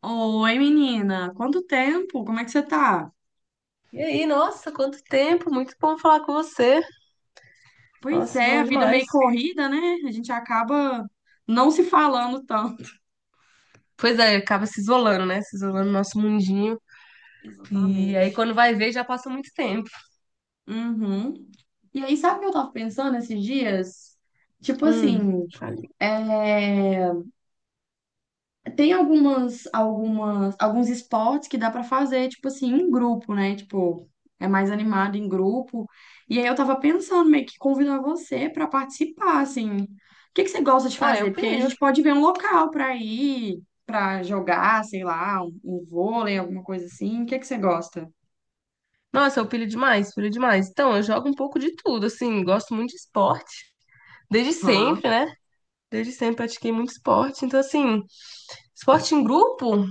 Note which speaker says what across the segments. Speaker 1: Oi, menina, quanto tempo? Como é que você tá?
Speaker 2: E aí, nossa, quanto tempo! Muito bom falar com você.
Speaker 1: Pois
Speaker 2: Nossa,
Speaker 1: é,
Speaker 2: bom
Speaker 1: a vida é
Speaker 2: demais.
Speaker 1: meio corrida, né? A gente acaba não se falando tanto.
Speaker 2: Pois é, acaba se isolando, né? Se isolando no nosso mundinho. E aí,
Speaker 1: Exatamente.
Speaker 2: quando vai ver, já passa muito tempo.
Speaker 1: Uhum. E aí, sabe o que eu tava pensando esses dias? Tipo
Speaker 2: Hum.
Speaker 1: assim,
Speaker 2: Falei.
Speaker 1: é... Tem alguns esportes que dá pra fazer, tipo assim, em grupo, né? Tipo, é mais animado em grupo. E aí eu tava pensando meio que convidar você pra participar, assim. O que que você gosta de
Speaker 2: Uai, eu
Speaker 1: fazer? Porque aí a
Speaker 2: pilho.
Speaker 1: gente pode ver um local pra ir, pra jogar, sei lá, um vôlei, alguma coisa assim. O que que você gosta?
Speaker 2: Nossa, eu pilho demais, pilho demais. Então, eu jogo um pouco de tudo, assim, gosto muito de esporte. Desde
Speaker 1: Aham,
Speaker 2: sempre, né? Desde sempre pratiquei muito esporte. Então, assim, esporte em grupo,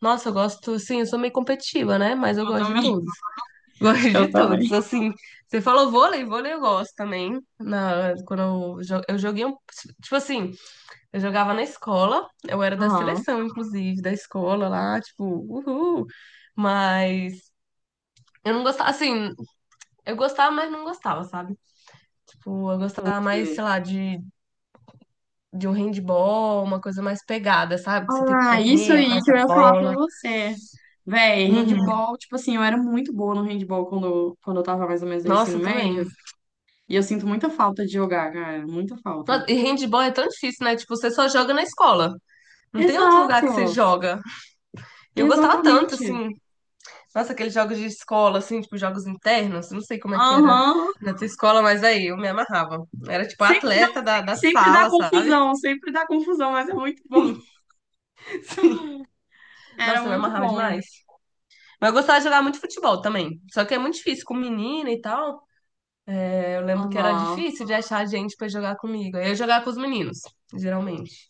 Speaker 2: nossa, eu gosto, assim, eu sou meio competitiva, né? Mas eu
Speaker 1: eu
Speaker 2: gosto de
Speaker 1: também,
Speaker 2: tudo. Gosto de
Speaker 1: eu também.
Speaker 2: todos. Assim, você falou vôlei, vôlei eu gosto também. Quando eu joguei um. Tipo assim, eu jogava na escola, eu era da
Speaker 1: Aham,
Speaker 2: seleção, inclusive, da escola lá, tipo, uhul. Mas eu não gostava, assim, eu gostava, mas não gostava, sabe? Tipo, eu gostava mais,
Speaker 1: entendi.
Speaker 2: sei lá, de um handball, uma coisa mais pegada, sabe? Que você tem que
Speaker 1: Ah, isso
Speaker 2: correr
Speaker 1: aí
Speaker 2: atrás
Speaker 1: que
Speaker 2: da
Speaker 1: eu ia falar pra
Speaker 2: bola.
Speaker 1: você. Véi,
Speaker 2: Uhum.
Speaker 1: handball, tipo assim, eu era muito boa no handball quando eu tava mais ou menos no ensino
Speaker 2: Nossa, também.
Speaker 1: médio. E eu sinto muita falta de jogar, cara. Muita
Speaker 2: Nossa,
Speaker 1: falta.
Speaker 2: e handball é tão difícil, né? Tipo, você só joga na escola. Não tem outro lugar que você
Speaker 1: Exato!
Speaker 2: joga. E eu gostava tanto,
Speaker 1: Exatamente.
Speaker 2: assim. Nossa, aqueles jogos de escola, assim, tipo, jogos internos. Não sei como é que era
Speaker 1: Aham.
Speaker 2: na tua escola, mas aí eu me amarrava. Era tipo a
Speaker 1: Sempre dá,
Speaker 2: atleta
Speaker 1: um-
Speaker 2: da
Speaker 1: sempre dá
Speaker 2: sala, sabe?
Speaker 1: confusão, sempre dá confusão, mas é muito bom.
Speaker 2: Sim.
Speaker 1: Era
Speaker 2: Nossa, eu me
Speaker 1: muito
Speaker 2: amarrava
Speaker 1: bom.
Speaker 2: demais. Mas eu gostava de jogar muito futebol também. Só que é muito difícil com menina e tal. É, eu lembro que era
Speaker 1: Aham.
Speaker 2: difícil de achar gente pra jogar comigo. Aí eu jogava com os meninos, geralmente.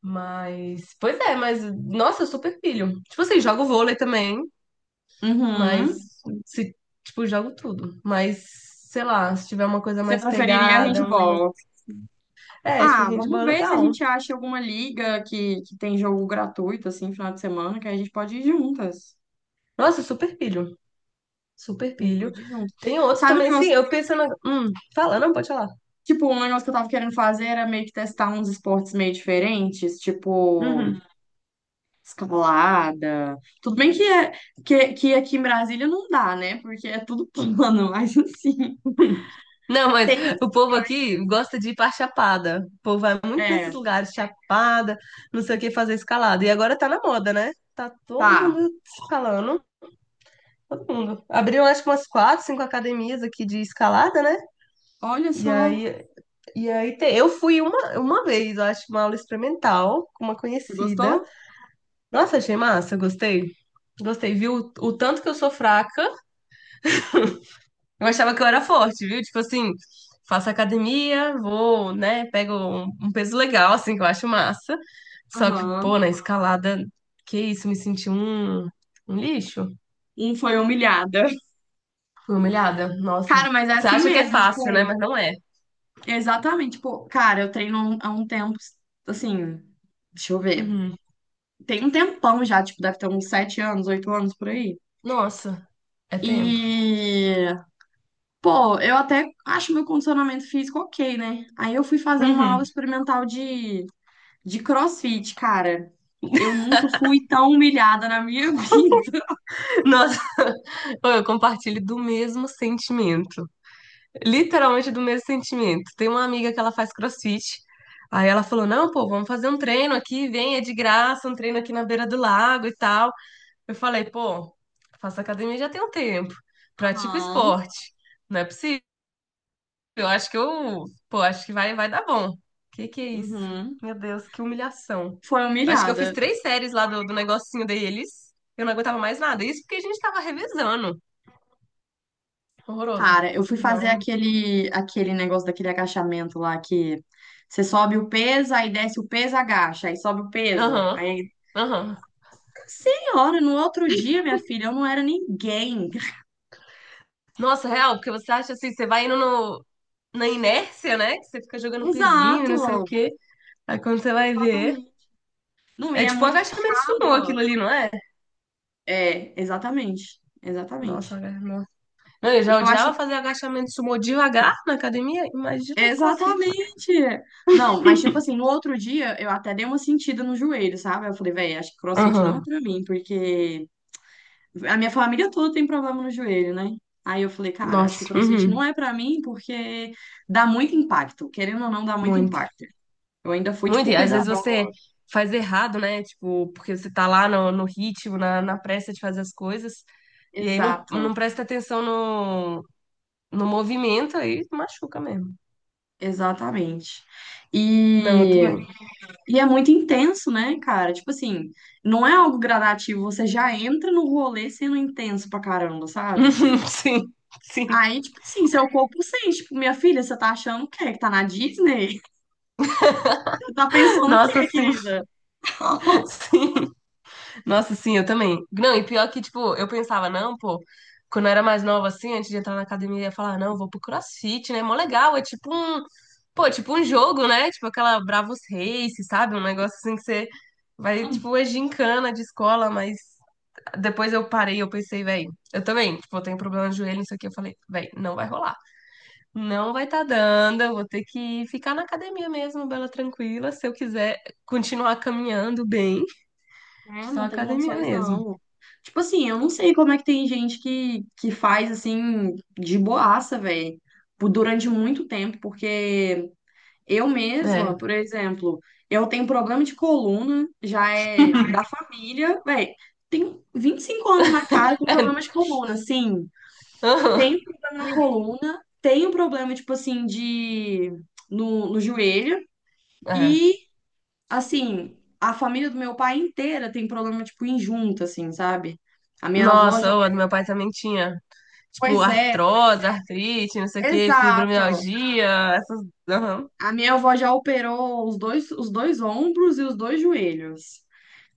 Speaker 2: Mas, pois é, mas, nossa, eu super pilho. Tipo assim, jogo vôlei também. Mas
Speaker 1: Uhum.
Speaker 2: se, tipo, jogo tudo. Mas, sei lá, se tiver uma coisa
Speaker 1: Você
Speaker 2: mais
Speaker 1: preferiria
Speaker 2: pegada, uma.
Speaker 1: handball?
Speaker 2: É, tipo,
Speaker 1: Ah, vamos
Speaker 2: handball é
Speaker 1: ver se a
Speaker 2: legal.
Speaker 1: gente acha alguma liga que tem jogo gratuito, assim, final de semana, que aí a gente pode ir juntas.
Speaker 2: Nossa, super pilho. Super
Speaker 1: A gente
Speaker 2: pilho.
Speaker 1: pode ir junto.
Speaker 2: Tem outros
Speaker 1: Sabe o
Speaker 2: também, sim.
Speaker 1: negócio?
Speaker 2: Eu penso na. Fala, não, pode falar.
Speaker 1: Tipo, um negócio que eu tava querendo fazer era meio que testar uns esportes meio diferentes, tipo
Speaker 2: Uhum.
Speaker 1: escalada. Tudo bem que, é, que aqui em Brasília não dá, né? Porque é tudo plano, mas assim,
Speaker 2: Não, mas
Speaker 1: tem
Speaker 2: o povo aqui
Speaker 1: Andes.
Speaker 2: gosta de ir pra Chapada. O povo vai muito nesses
Speaker 1: É,
Speaker 2: lugares, Chapada, não sei o que, fazer escalada. E agora tá na moda, né? Tá todo
Speaker 1: tá.
Speaker 2: mundo escalando. Todo mundo. Abriram, acho que umas quatro, cinco academias aqui de escalada, né?
Speaker 1: Olha
Speaker 2: E
Speaker 1: só.
Speaker 2: aí E aí, eu fui uma vez, eu acho, uma aula experimental com uma
Speaker 1: Você
Speaker 2: conhecida.
Speaker 1: gostou?
Speaker 2: Nossa, achei massa, gostei. Gostei, viu? O tanto que eu sou fraca. Eu achava que eu era forte, viu? Tipo assim, faço academia, vou, né, pego um peso legal, assim, que eu acho massa. Só que,
Speaker 1: Aham.
Speaker 2: pô, na escalada, que isso, me senti um lixo.
Speaker 1: Um foi humilhada.
Speaker 2: Fui humilhada. Nossa.
Speaker 1: Cara, mas é
Speaker 2: Você
Speaker 1: assim
Speaker 2: acha que é
Speaker 1: mesmo.
Speaker 2: fácil, né?
Speaker 1: Tipo,
Speaker 2: Mas não é.
Speaker 1: exatamente, tipo, cara, eu treino há um tempo, assim, deixa eu ver.
Speaker 2: Uhum.
Speaker 1: Tem um tempão já, tipo, deve ter uns 7 anos, 8 anos por aí.
Speaker 2: Nossa, é tempo.
Speaker 1: E, pô, eu até acho meu condicionamento físico ok, né? Aí eu fui fazer uma aula
Speaker 2: Uhum.
Speaker 1: experimental de CrossFit, cara. Eu nunca fui tão humilhada na minha vida.
Speaker 2: Nossa. Pô, eu compartilho do mesmo sentimento. Literalmente do mesmo sentimento. Tem uma amiga que ela faz CrossFit. Aí ela falou: Não, pô, vamos fazer um treino aqui, vem, é de graça, um treino aqui na beira do lago e tal. Eu falei: Pô, faço academia já tem um tempo, pratico
Speaker 1: Aham,
Speaker 2: esporte. Não é possível. Eu acho que eu, pô, acho que vai dar bom. Que é isso?
Speaker 1: uhum.
Speaker 2: Meu Deus, que humilhação.
Speaker 1: Foi
Speaker 2: Eu acho que eu fiz
Speaker 1: humilhada.
Speaker 2: três séries lá do negocinho deles. Eu não aguentava mais nada. Isso porque a gente tava revezando. Horroroso.
Speaker 1: Cara, eu fui fazer
Speaker 2: Não,
Speaker 1: aquele negócio daquele agachamento lá que você sobe o peso, aí desce o peso, agacha, aí sobe o peso.
Speaker 2: aham,
Speaker 1: Aí,
Speaker 2: aham.
Speaker 1: senhora, no outro dia, minha filha, eu não era ninguém.
Speaker 2: Nossa, real, porque você acha assim, você vai indo no, na inércia, né? Que você fica jogando pezinho e não sei o
Speaker 1: Exato,
Speaker 2: quê. Aí quando você vai ver.
Speaker 1: exatamente. Não, e
Speaker 2: É
Speaker 1: é
Speaker 2: tipo um
Speaker 1: muito
Speaker 2: agachamento sumô aquilo
Speaker 1: puxado.
Speaker 2: ali, não é?
Speaker 1: É, exatamente, exatamente.
Speaker 2: Nossa, nossa. Não, eu
Speaker 1: E
Speaker 2: já
Speaker 1: eu acho,
Speaker 2: odiava fazer agachamento sumô devagar na academia. Imagina no CrossFit.
Speaker 1: exatamente. Não, mas tipo assim, no outro dia eu até dei uma sentida no joelho, sabe? Eu falei, velho, acho que CrossFit não é
Speaker 2: Aham.
Speaker 1: pra mim, porque a minha família toda tem problema no joelho, né? Aí eu falei, cara, acho que
Speaker 2: Nossa,
Speaker 1: CrossFit
Speaker 2: uhum.
Speaker 1: não é pra mim porque dá muito impacto. Querendo ou não, dá muito
Speaker 2: Muito.
Speaker 1: impacto. Eu ainda fui,
Speaker 2: Muito.
Speaker 1: tipo,
Speaker 2: E às vezes você
Speaker 1: cuidador.
Speaker 2: faz errado, né? Tipo, porque você tá lá no ritmo, na pressa de fazer as coisas. E aí não
Speaker 1: Exato,
Speaker 2: presta atenção no movimento, aí machuca mesmo.
Speaker 1: exatamente.
Speaker 2: Não, eu
Speaker 1: E,
Speaker 2: também.
Speaker 1: e é muito intenso, né, cara? Tipo assim, não é algo gradativo. Você já entra no rolê sendo intenso pra caramba, sabe?
Speaker 2: Sim, sim.
Speaker 1: Aí, tipo assim, seu corpo sente, tipo, minha filha, você tá achando o quê? Que tá na Disney? Você tá pensando o
Speaker 2: Nossa,
Speaker 1: quê,
Speaker 2: sim,
Speaker 1: querida?
Speaker 2: sim. Nossa, sim, eu também. Não, e pior que, tipo, eu pensava, não, pô, quando eu era mais nova, assim, antes de entrar na academia, eu ia falar, não, eu vou pro CrossFit, né? Mó legal, é tipo um jogo, né? Tipo aquela Bravos Race, sabe? Um negócio assim que você vai, tipo, é gincana de escola, mas depois eu parei, eu pensei, velho, eu também, tipo, eu tenho problema no joelho, não sei o que, eu falei, velho, não vai rolar. Não vai estar dando, eu vou ter que ficar na academia mesmo, bela tranquila, se eu quiser continuar caminhando bem,
Speaker 1: Né,
Speaker 2: só
Speaker 1: não tem
Speaker 2: academia
Speaker 1: condições,
Speaker 2: mesmo.
Speaker 1: não. Tipo assim, eu não sei como é que tem gente que faz assim, de boaça, velho, durante muito tempo, porque eu
Speaker 2: É.
Speaker 1: mesma, por exemplo, eu tenho problema de coluna, já é da família, velho, tenho 25 anos na cara com problema de coluna, assim,
Speaker 2: Aham,
Speaker 1: tenho problema na coluna, tenho problema, tipo assim, de. No, no joelho.
Speaker 2: é.
Speaker 1: E assim, a família do meu pai inteira tem problema, tipo, em junta, assim, sabe? A minha avó já.
Speaker 2: Nossa, o meu pai também tinha, tipo,
Speaker 1: Pois é,
Speaker 2: artrose, artrite, não sei o que
Speaker 1: exato.
Speaker 2: fibromialgia, essas. Aham.
Speaker 1: A minha avó já operou os dois ombros e os dois joelhos.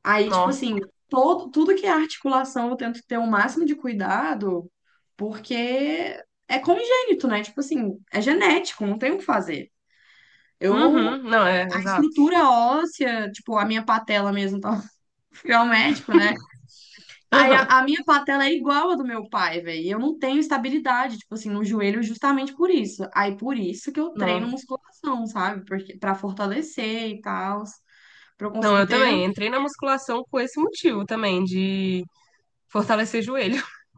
Speaker 1: Aí, tipo
Speaker 2: Não.
Speaker 1: assim, todo, tudo que é articulação eu tento ter o máximo de cuidado, porque é congênito, né? Tipo assim, é genético, não tem o que fazer. Eu.
Speaker 2: Uhum. Não, é,
Speaker 1: A
Speaker 2: exato.
Speaker 1: estrutura óssea, tipo, a minha patela mesmo, tá? Fui ao médico, né? Aí
Speaker 2: Aham.
Speaker 1: a minha patela é igual à do meu pai, velho. E eu não tenho estabilidade, tipo assim, no joelho justamente por isso. Aí por isso que eu treino
Speaker 2: Não.
Speaker 1: musculação, sabe? Porque para fortalecer e tal, para eu
Speaker 2: Não,
Speaker 1: conseguir
Speaker 2: eu
Speaker 1: ter,
Speaker 2: também entrei na musculação com esse motivo também, de fortalecer joelho.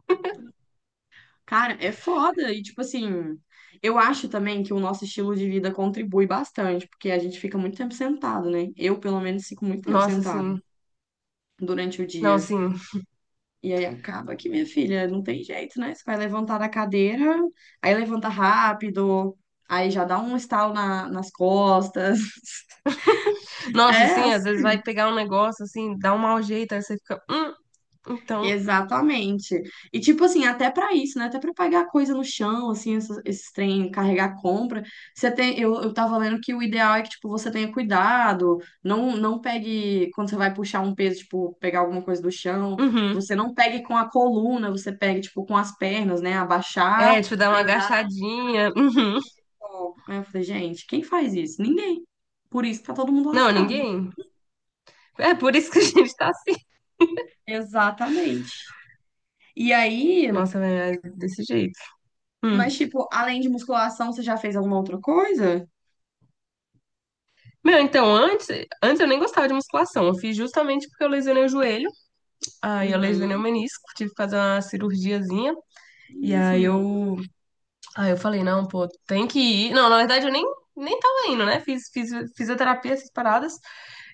Speaker 1: cara, é foda. E tipo assim, eu acho também que o nosso estilo de vida contribui bastante, porque a gente fica muito tempo sentado, né? Eu, pelo menos, fico muito tempo
Speaker 2: Nossa,
Speaker 1: sentado
Speaker 2: sim.
Speaker 1: durante o
Speaker 2: Não,
Speaker 1: dia.
Speaker 2: sim.
Speaker 1: E aí acaba que, minha filha, não tem jeito, né? Você vai levantar da cadeira, aí levanta rápido, aí já dá um estalo nas costas.
Speaker 2: Nossa,
Speaker 1: É
Speaker 2: assim, às vezes vai
Speaker 1: assim.
Speaker 2: pegar um negócio, assim, dá um mau jeito, aí você fica, então,
Speaker 1: Exatamente. E tipo assim, até pra isso, né? Até pra pegar coisa no chão, assim, esses trem, carregar compra. Você tem, eu tava lendo que o ideal é que tipo você tenha cuidado, não pegue quando você vai puxar um peso, tipo, pegar alguma coisa do chão,
Speaker 2: uhum.
Speaker 1: você não pegue com a coluna, você pegue tipo com as pernas, né? Abaixar,
Speaker 2: É, tipo, dá uma
Speaker 1: pegar.
Speaker 2: agachadinha, uhum.
Speaker 1: Aí eu falei, gente, quem faz isso? Ninguém. Por isso que tá todo mundo
Speaker 2: Não,
Speaker 1: lascado.
Speaker 2: ninguém. É por isso que a gente tá assim.
Speaker 1: Exatamente. E aí,
Speaker 2: Nossa, velho, é desse jeito. Hum.
Speaker 1: mas tipo, além de musculação, você já fez alguma outra coisa?
Speaker 2: Meu, então, antes eu nem gostava de musculação. Eu fiz justamente porque eu lesionei o joelho. Aí eu lesionei o
Speaker 1: Uhum.
Speaker 2: menisco, tive que fazer uma cirurgiazinha. E
Speaker 1: Isso,
Speaker 2: aí
Speaker 1: menino.
Speaker 2: eu, aí eu falei, não, pô, tem que ir. Não, na verdade eu nem tava indo, né? Fiz fisioterapia, essas paradas.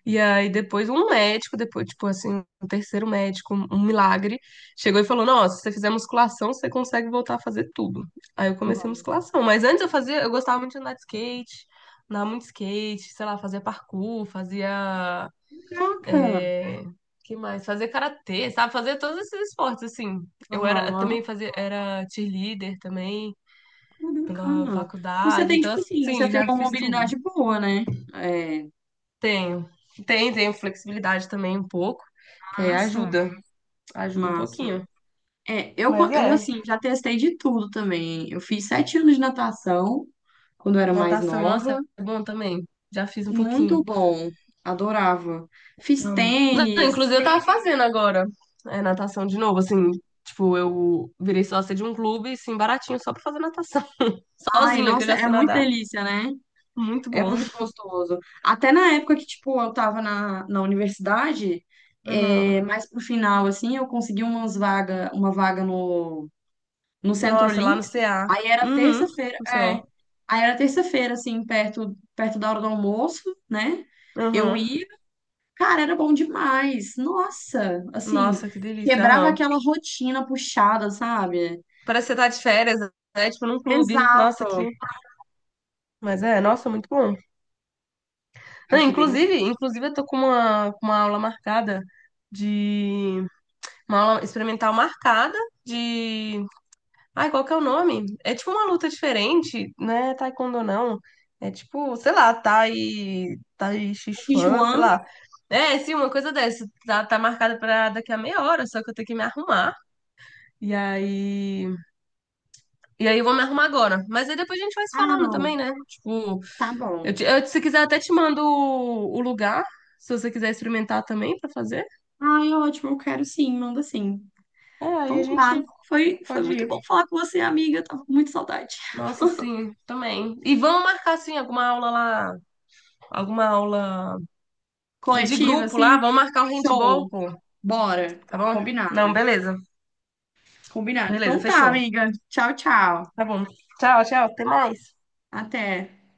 Speaker 2: E aí depois um médico, depois, tipo assim, um terceiro médico, um milagre, chegou e falou: Nossa, se você fizer musculação, você consegue voltar a fazer tudo. Aí eu comecei
Speaker 1: Uhum.
Speaker 2: musculação. Mas antes eu fazia, eu gostava muito de andar de skate, andar muito de skate, sei lá, fazia parkour, fazia.
Speaker 1: Caraca.
Speaker 2: É... Que mais? Fazia karatê, sabe? Fazia todos esses esportes, assim. Eu
Speaker 1: Aham.
Speaker 2: também fazia, era cheerleader também
Speaker 1: Que
Speaker 2: pela
Speaker 1: bacana. Então você
Speaker 2: faculdade.
Speaker 1: tem,
Speaker 2: Então,
Speaker 1: tipo assim, você
Speaker 2: assim,
Speaker 1: tem
Speaker 2: já
Speaker 1: uma
Speaker 2: fiz tudo.
Speaker 1: mobilidade boa, né? É,
Speaker 2: Tenho. Tenho flexibilidade também um pouco, que aí
Speaker 1: massa,
Speaker 2: ajuda, ajuda um
Speaker 1: massa.
Speaker 2: pouquinho.
Speaker 1: É, eu,
Speaker 2: Mas
Speaker 1: co- eu,
Speaker 2: é,
Speaker 1: assim, já testei de tudo também. Eu fiz 7 anos de natação quando eu era mais
Speaker 2: natação,
Speaker 1: nova.
Speaker 2: nossa, é bom também. Já fiz um
Speaker 1: Muito
Speaker 2: pouquinho.
Speaker 1: bom, adorava. Fiz
Speaker 2: Amo. Não,
Speaker 1: tênis,
Speaker 2: inclusive eu tava
Speaker 1: fiz...
Speaker 2: fazendo agora natação de novo, assim, tipo, eu virei sócia de um clube, assim, baratinho, só pra fazer natação.
Speaker 1: Ai,
Speaker 2: Sozinha, que eu
Speaker 1: nossa,
Speaker 2: já
Speaker 1: é
Speaker 2: sei
Speaker 1: muito
Speaker 2: nadar.
Speaker 1: delícia, né?
Speaker 2: Muito
Speaker 1: É
Speaker 2: bom.
Speaker 1: muito gostoso. Até na época que, tipo, eu tava na universidade, é,
Speaker 2: Aham.
Speaker 1: mais pro final, assim, eu consegui uma vaga no, Centro
Speaker 2: Nossa, lá no
Speaker 1: Olímpico.
Speaker 2: CA.
Speaker 1: Aí era
Speaker 2: Uhum,
Speaker 1: terça-feira,
Speaker 2: no C
Speaker 1: é.
Speaker 2: o
Speaker 1: Aí era terça-feira, assim, perto da hora do almoço, né? Eu
Speaker 2: Aham.
Speaker 1: ia, cara, era bom demais. Nossa, assim,
Speaker 2: Nossa, que delícia.
Speaker 1: quebrava
Speaker 2: Aham.
Speaker 1: aquela rotina puxada, sabe?
Speaker 2: Parece que você tá de férias, né? Tipo, num clube. Nossa,
Speaker 1: Exato.
Speaker 2: que. Mas é, nossa,
Speaker 1: Ex-
Speaker 2: muito bom. Não,
Speaker 1: Achei bem
Speaker 2: inclusive,
Speaker 1: gostoso.
Speaker 2: inclusive eu tô com uma aula marcada de uma aula experimental marcada de, ai, qual que é o nome? É tipo uma luta diferente, né? Taekwondo não. É tipo, sei lá, Tai Chi Chuan, sei
Speaker 1: Sichuan?
Speaker 2: lá. É, sim, uma coisa dessa. Tá marcada pra daqui a meia hora, só que eu tenho que me arrumar. E aí, e aí, eu vou me arrumar agora. Mas aí depois a gente vai se
Speaker 1: Ah,
Speaker 2: falando
Speaker 1: não.
Speaker 2: também, né? Tipo,
Speaker 1: Tá bom.
Speaker 2: Eu, se quiser, até te mando o lugar, se você quiser experimentar também pra fazer.
Speaker 1: Ai, ótimo, eu quero sim, manda sim.
Speaker 2: É, aí a
Speaker 1: Então tá.
Speaker 2: gente
Speaker 1: Foi
Speaker 2: pode
Speaker 1: muito bom
Speaker 2: ir.
Speaker 1: falar com você, amiga. Eu tava com muita saudade.
Speaker 2: Nossa, sim, também. E vamos marcar, sim, alguma aula lá, alguma aula de
Speaker 1: Coletiva,
Speaker 2: grupo lá,
Speaker 1: assim.
Speaker 2: vamos marcar o handball,
Speaker 1: Show.
Speaker 2: pô,
Speaker 1: Bora.
Speaker 2: tá bom? Não,
Speaker 1: Combinado.
Speaker 2: beleza.
Speaker 1: Combinado.
Speaker 2: Beleza,
Speaker 1: Então tá,
Speaker 2: fechou.
Speaker 1: amiga. Tchau, tchau.
Speaker 2: Tá bom. Tchau, tchau, até mais.
Speaker 1: Até.